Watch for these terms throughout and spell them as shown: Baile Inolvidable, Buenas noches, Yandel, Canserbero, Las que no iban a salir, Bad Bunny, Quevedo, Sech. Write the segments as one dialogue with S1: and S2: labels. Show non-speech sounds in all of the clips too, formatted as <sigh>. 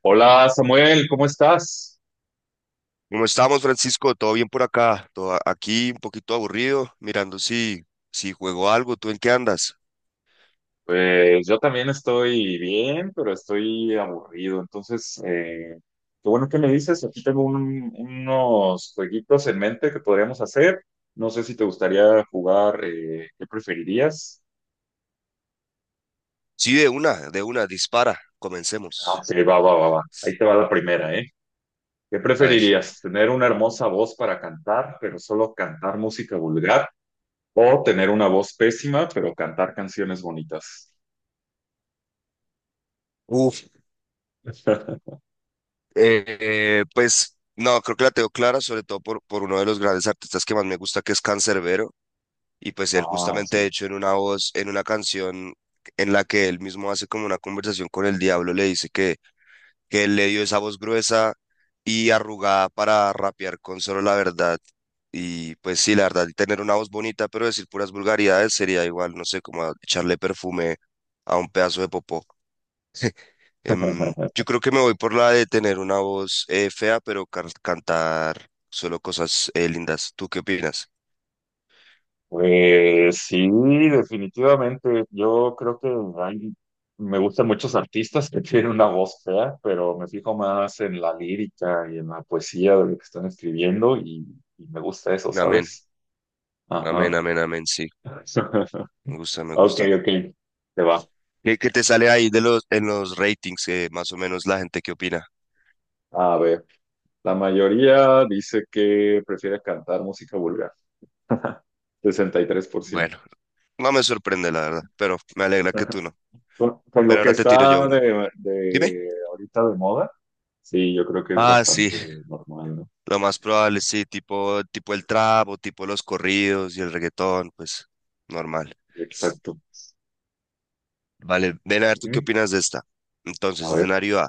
S1: Hola Samuel, ¿cómo estás?
S2: ¿Cómo estamos, Francisco? ¿Todo bien por acá? Todo aquí un poquito aburrido, mirando si juego algo. ¿Tú en qué andas?
S1: Pues yo también estoy bien, pero estoy aburrido. Entonces, qué bueno que me dices. Aquí tengo unos jueguitos en mente que podríamos hacer. No sé si te gustaría jugar, ¿qué preferirías?
S2: Sí, de una, dispara.
S1: Ah,
S2: Comencemos.
S1: sí, va, va, va, va. Ahí te va la primera, ¿eh? ¿Qué
S2: A ver.
S1: preferirías? ¿Tener una hermosa voz para cantar, pero solo cantar música vulgar? ¿O tener una voz pésima, pero cantar canciones bonitas?
S2: Uf,
S1: <laughs>
S2: pues no, creo que la tengo clara, sobre todo por uno de los grandes artistas que más me gusta, que es Canserbero. Y pues él
S1: Ah,
S2: justamente, de
S1: sí.
S2: hecho, en una voz, en una canción en la que él mismo hace como una conversación con el diablo, le dice que él le dio esa voz gruesa y arrugada para rapear con solo la verdad. Y pues sí, la verdad, tener una voz bonita, pero decir puras vulgaridades sería igual, no sé, como echarle perfume a un pedazo de popó.
S1: <laughs>
S2: Yo creo que me voy por la de tener una voz fea, pero cantar solo cosas lindas. ¿Tú qué opinas?
S1: Pues sí, definitivamente. Yo creo que hay- Me gustan muchos artistas que <laughs> tienen una voz fea, pero me fijo más en la lírica y en la poesía de lo que están escribiendo y me gusta eso,
S2: Amén,
S1: ¿sabes?
S2: amén,
S1: Ajá.
S2: amén, amén, sí.
S1: <laughs>
S2: Me gusta, me
S1: Ok,
S2: gusta.
S1: ok. Te va.
S2: Qué te sale ahí de los, en los ratings, más o menos la gente que opina?
S1: A ver, la mayoría dice que prefiere cantar música vulgar. <laughs> 63%.
S2: Bueno. No me sorprende, la verdad, pero me alegra que tú no.
S1: Con lo
S2: Pero
S1: que
S2: ahora te tiro yo
S1: está
S2: una.
S1: de,
S2: Dime.
S1: de ahorita de moda, sí, yo creo que es
S2: Ah, sí,
S1: bastante normal, ¿no?
S2: lo más probable, sí, tipo el trap o tipo los corridos y el reggaetón, pues normal.
S1: Exacto.
S2: Vale, ven a ver tú qué
S1: Ujú.
S2: opinas de esta.
S1: A
S2: Entonces,
S1: ver,
S2: escenario A,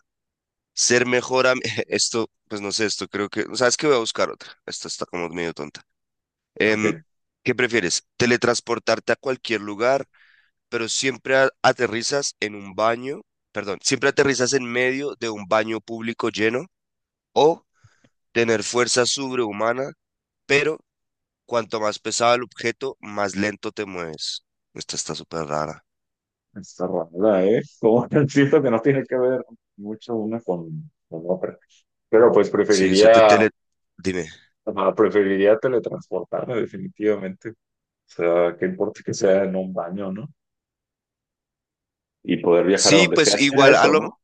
S2: ser mejor am- <laughs> Esto, pues no sé, esto creo que... ¿Sabes qué? Voy a buscar otra. Esta está como medio tonta.
S1: ok.
S2: Em, ¿Qué prefieres? ¿Teletransportarte a cualquier lugar pero siempre aterrizas en un baño, perdón, siempre aterrizas en medio de un baño público lleno, o tener fuerza sobrehumana, pero cuanto más pesado el objeto, más lento te mueves? Esta está súper rara.
S1: Está rara, ¿eh? Como <laughs> siento que no tiene que ver mucho una con otra. Pero pues
S2: Sí, o sea, te tele... Dime.
S1: ah, preferiría teletransportarme definitivamente. O sea, qué importa que sea en un baño, ¿no? Y poder viajar a
S2: Sí,
S1: donde
S2: pues
S1: sea. Si era
S2: igual
S1: eso, ¿no?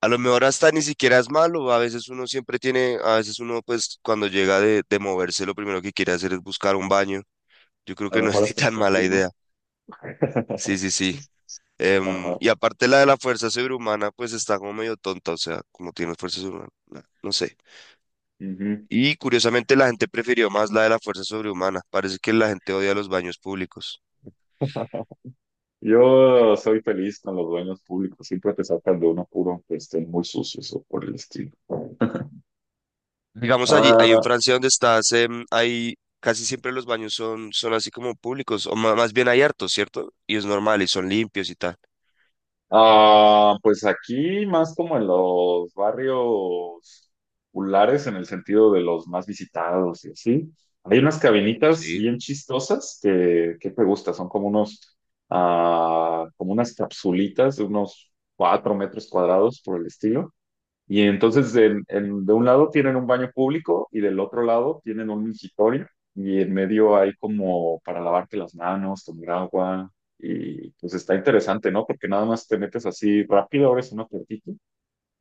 S2: a lo mejor hasta ni siquiera es malo. A veces uno siempre tiene, a veces uno pues cuando llega de moverse lo primero que quiere hacer es buscar un baño. Yo creo
S1: A lo
S2: que no es <laughs>
S1: mejor
S2: ni
S1: hasta
S2: tan
S1: es
S2: mala
S1: útil, ¿no?
S2: idea. Sí,
S1: <laughs>
S2: sí, sí.
S1: Ajá.
S2: Y aparte la de la fuerza sobrehumana, pues está como medio tonta, o sea, como tiene fuerza sobrehumana, no sé. Y curiosamente la gente prefirió más la de la fuerza sobrehumana. Parece que la gente odia los baños públicos.
S1: Ujú. Yo soy feliz con los dueños públicos, siempre te sacan de uno puro, aunque estén muy sucios o por el estilo.
S2: Digamos allí, ahí en
S1: Ah,
S2: Francia donde estás, hay casi siempre los baños son así como públicos, o más bien hay hartos, ¿cierto? Y es normal y son limpios y tal.
S1: ah, pues aquí más como en los barrios populares, en el sentido de los más visitados y así. Hay unas cabinitas bien chistosas que te gusta, son como ah, como unas capsulitas de unos 4 metros cuadrados por el estilo. Y entonces de un lado tienen un baño público y del otro lado tienen un mingitorio y en medio hay como para lavarte las manos, tomar agua y pues está interesante, ¿no? Porque nada más te metes así rápido, abres una puertita,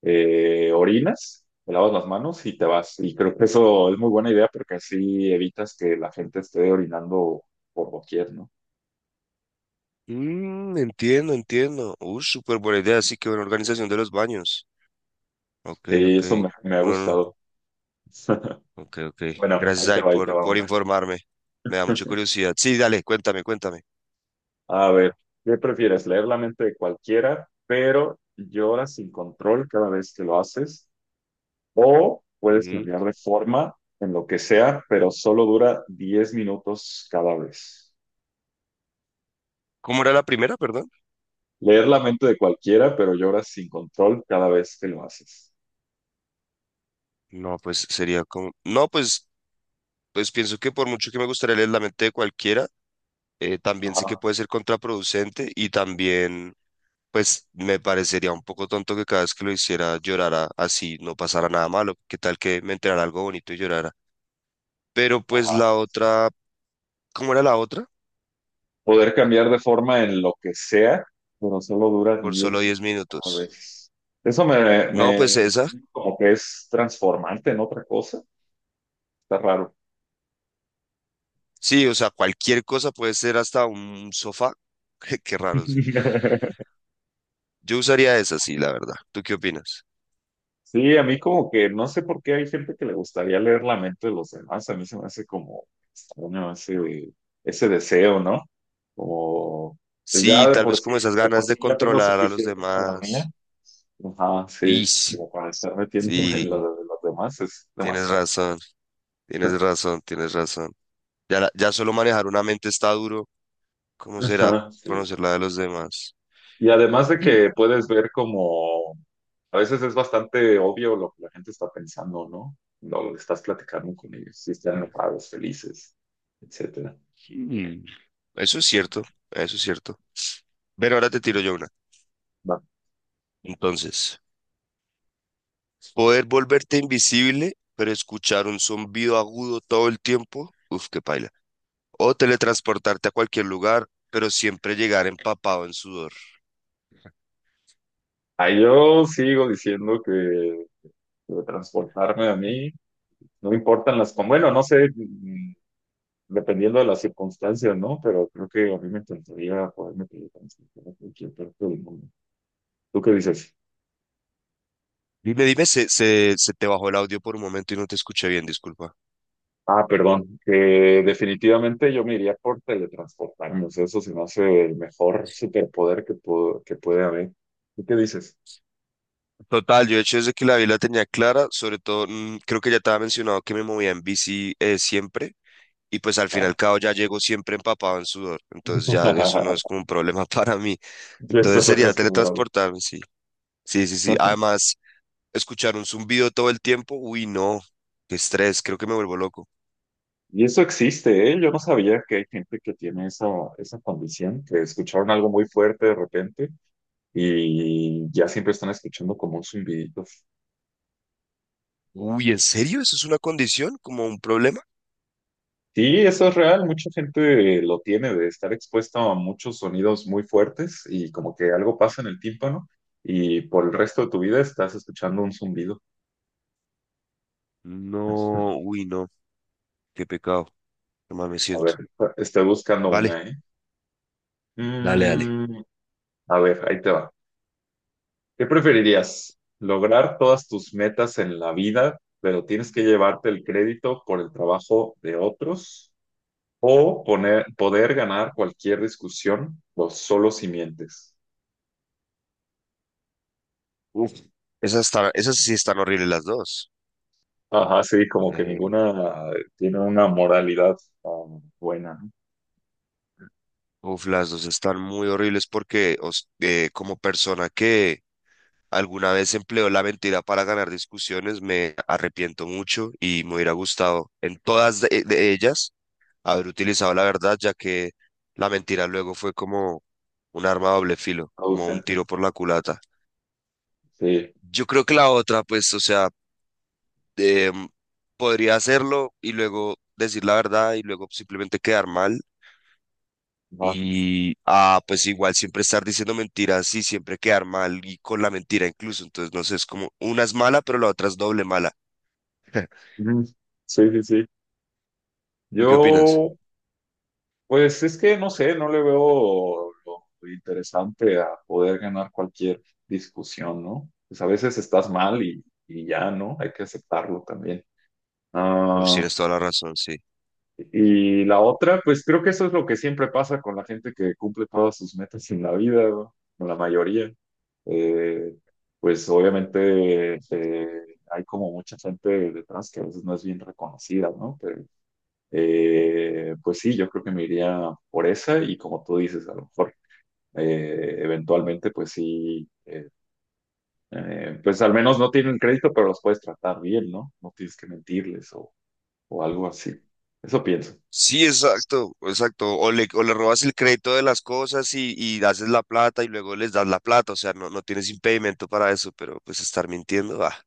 S1: orinas, te lavas las manos y te vas. Y creo que eso es muy buena idea porque así evitas que la gente esté orinando por doquier, ¿no?
S2: Mm, entiendo, entiendo. Súper buena idea, sí, que buena organización de los baños. Ok,
S1: Y
S2: ok.
S1: eso me ha
S2: Uno no-
S1: gustado. <laughs>
S2: Ok, ok.
S1: Bueno,
S2: Gracias. Ay,
S1: ahí te va
S2: por
S1: una.
S2: informarme. Me da mucha
S1: ¿Eh?
S2: curiosidad. Sí, dale, cuéntame, cuéntame.
S1: A ver, ¿qué prefieres? ¿Leer la mente de cualquiera, pero lloras sin control cada vez que lo haces? ¿O puedes
S2: Ujú.
S1: cambiar de forma en lo que sea, pero solo dura 10 minutos cada vez?
S2: ¿Cómo era la primera, perdón?
S1: Leer la mente de cualquiera, pero lloras sin control cada vez que lo haces.
S2: No, pues sería como... No, pues, pues pienso que por mucho que me gustaría leer la mente de cualquiera, también sé que
S1: Ajá,
S2: puede ser contraproducente y también, pues, me parecería un poco tonto que cada vez que lo hiciera llorara así, no pasara nada malo. ¿Qué tal que me enterara algo bonito y llorara? Pero pues
S1: ajá.
S2: la otra... ¿Cómo era la otra?
S1: Poder cambiar de forma en lo que sea, pero solo dura
S2: Por solo
S1: 10
S2: 10
S1: cada
S2: minutos.
S1: vez. Eso me,
S2: No, pues
S1: me
S2: esa...
S1: como que es transformante en otra cosa. Está raro.
S2: Sí, o sea, cualquier cosa puede ser hasta un sofá. <laughs> Qué raro, sí.
S1: <laughs>
S2: Yo usaría esa, sí, la verdad. ¿Tú qué opinas?
S1: Sí, a mí como que no sé por qué hay gente que le gustaría leer la mente de los demás. A mí se me hace como extraño ese deseo, ¿no? Como pues ya
S2: Sí, tal vez como esas
S1: de por
S2: ganas de
S1: sí ya tengo
S2: controlar a los
S1: suficiente con la mía.
S2: demás.
S1: Ajá, sí,
S2: Ish,
S1: como para estar metiéndome <laughs> en
S2: sí,
S1: lo de los demás es
S2: tienes
S1: demasiado.
S2: razón, tienes razón, tienes razón. Ya, ya solo manejar una mente está duro. ¿Cómo será
S1: Ajá, sí.
S2: conocer la de los demás?
S1: Y además de
S2: <clears throat>
S1: que puedes ver como a veces es bastante obvio lo que la gente está pensando, ¿no? Lo estás platicando con ellos, si están enojados, felices, etcétera.
S2: Mm. Mm. Eso es cierto, eso es cierto. Pero ahora te tiro yo una. Entonces. Poder volverte invisible, pero escuchar un zumbido agudo todo el tiempo. Uf, qué paila. O teletransportarte a cualquier lugar, pero siempre llegar empapado en sudor.
S1: Ah, yo sigo diciendo que transportarme a mí, no importan bueno, no sé, mm, dependiendo de las circunstancias, ¿no? Pero creo que a mí me encantaría poderme teletransportar a cualquier parte del mundo. ¿Tú qué dices?
S2: Dime, dime, se te bajó el audio por un momento y no te escuché bien, disculpa.
S1: Ah, perdón, que definitivamente yo me iría por teletransportarme, o sea, eso se me hace el mejor superpoder que puede haber. ¿Tú qué dices?
S2: Total, yo de hecho desde que la vi la tenía clara, sobre todo, mm, creo que ya te había mencionado que me movía en bici siempre, y pues al fin y
S1: Ah,
S2: al cabo ya llego siempre empapado en sudor, entonces ya eso no es como
S1: <laughs>
S2: un problema <laughs> para mí.
S1: ya
S2: Entonces
S1: estás
S2: sería
S1: acostumbrado.
S2: teletransportarme, sí. Sí, sí, sí.
S1: <laughs>
S2: Además, escuchar un zumbido todo el tiempo, uy, no, qué estrés, creo que me vuelvo loco.
S1: Y eso existe, ¿eh? Yo no sabía que hay gente que tiene esa condición, que escucharon algo muy fuerte de repente y ya siempre están escuchando como un zumbidito.
S2: Uy, ¿en serio? ¿Eso es una condición? ¿Como un problema?
S1: Sí, eso es real, mucha gente lo tiene de estar expuesta a muchos sonidos muy fuertes y como que algo pasa en el tímpano y por el resto de tu vida estás escuchando un zumbido.
S2: No,
S1: <laughs>
S2: uy, no, qué pecado, qué mal me
S1: A ver,
S2: siento.
S1: estoy buscando
S2: Vale,
S1: una, ¿eh?
S2: dale, dale.
S1: Mm, a ver, ahí te va. ¿Qué preferirías? ¿Lograr todas tus metas en la vida, pero tienes que llevarte el crédito por el trabajo de otros? ¿O poder ganar cualquier discusión o solo si mientes?
S2: Uf, esas están, esas sí están horribles las dos.
S1: Ajá, sí, como que
S2: Eh,
S1: ninguna tiene una moralidad buena, ¿no?
S2: uf, las dos están muy horribles porque como persona que alguna vez empleó la mentira para ganar discusiones, me arrepiento mucho y me hubiera gustado en todas de ellas haber utilizado la verdad, ya que la mentira luego fue como un arma a doble filo, como un
S1: Ausente.
S2: tiro por la culata.
S1: Sí,
S2: Yo creo que la otra, pues, o sea, em, podría hacerlo y luego decir la verdad y luego simplemente quedar mal.
S1: ajá.
S2: Y, ah, pues igual siempre estar diciendo mentiras y siempre quedar mal y con la mentira incluso. Entonces, no sé, es como una es mala, pero la otra es doble mala.
S1: Ujú. Sí, sí, sí.
S2: ¿Tú qué opinas?
S1: Yo. Pues es que no sé, no le veo lo interesante a poder ganar cualquier discusión, ¿no? Pues a veces estás mal y ya, ¿no? Hay que aceptarlo también.
S2: Pues
S1: Ah,
S2: tienes toda la razón, sí.
S1: y la otra, pues creo que eso es lo que siempre pasa con la gente que cumple todas sus metas en la vida, ¿no? Con la mayoría. Eh, pues obviamente hay como mucha gente detrás que a veces no es bien reconocida, ¿no? Pues sí, yo creo que me iría por esa y como tú dices, a lo mejor eventualmente, pues al menos no tienen crédito, pero los puedes tratar bien, ¿no? No tienes que mentirles o algo así. Eso pienso.
S2: Sí, exacto, exacto. O le robas el crédito de las cosas y haces la plata y luego les das la plata. O sea, no, no tienes impedimento para eso, pero pues estar mintiendo, ah,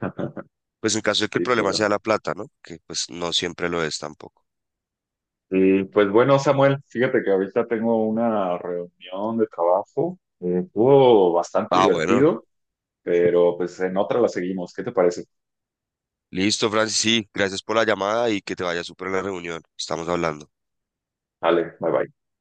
S1: Ajá,
S2: pues en caso de que el
S1: sí,
S2: problema sea
S1: claro.
S2: la plata, ¿no? Que pues no siempre lo es tampoco.
S1: Y pues bueno, Samuel, fíjate que ahorita tengo una reunión de trabajo. Estuvo bastante
S2: Ah, bueno,
S1: divertido, pero pues en otra la seguimos. ¿Qué te parece?
S2: listo, Francis, sí, gracias por la llamada y que te vaya súper en la reunión. Estamos hablando.
S1: Vale, bye bye.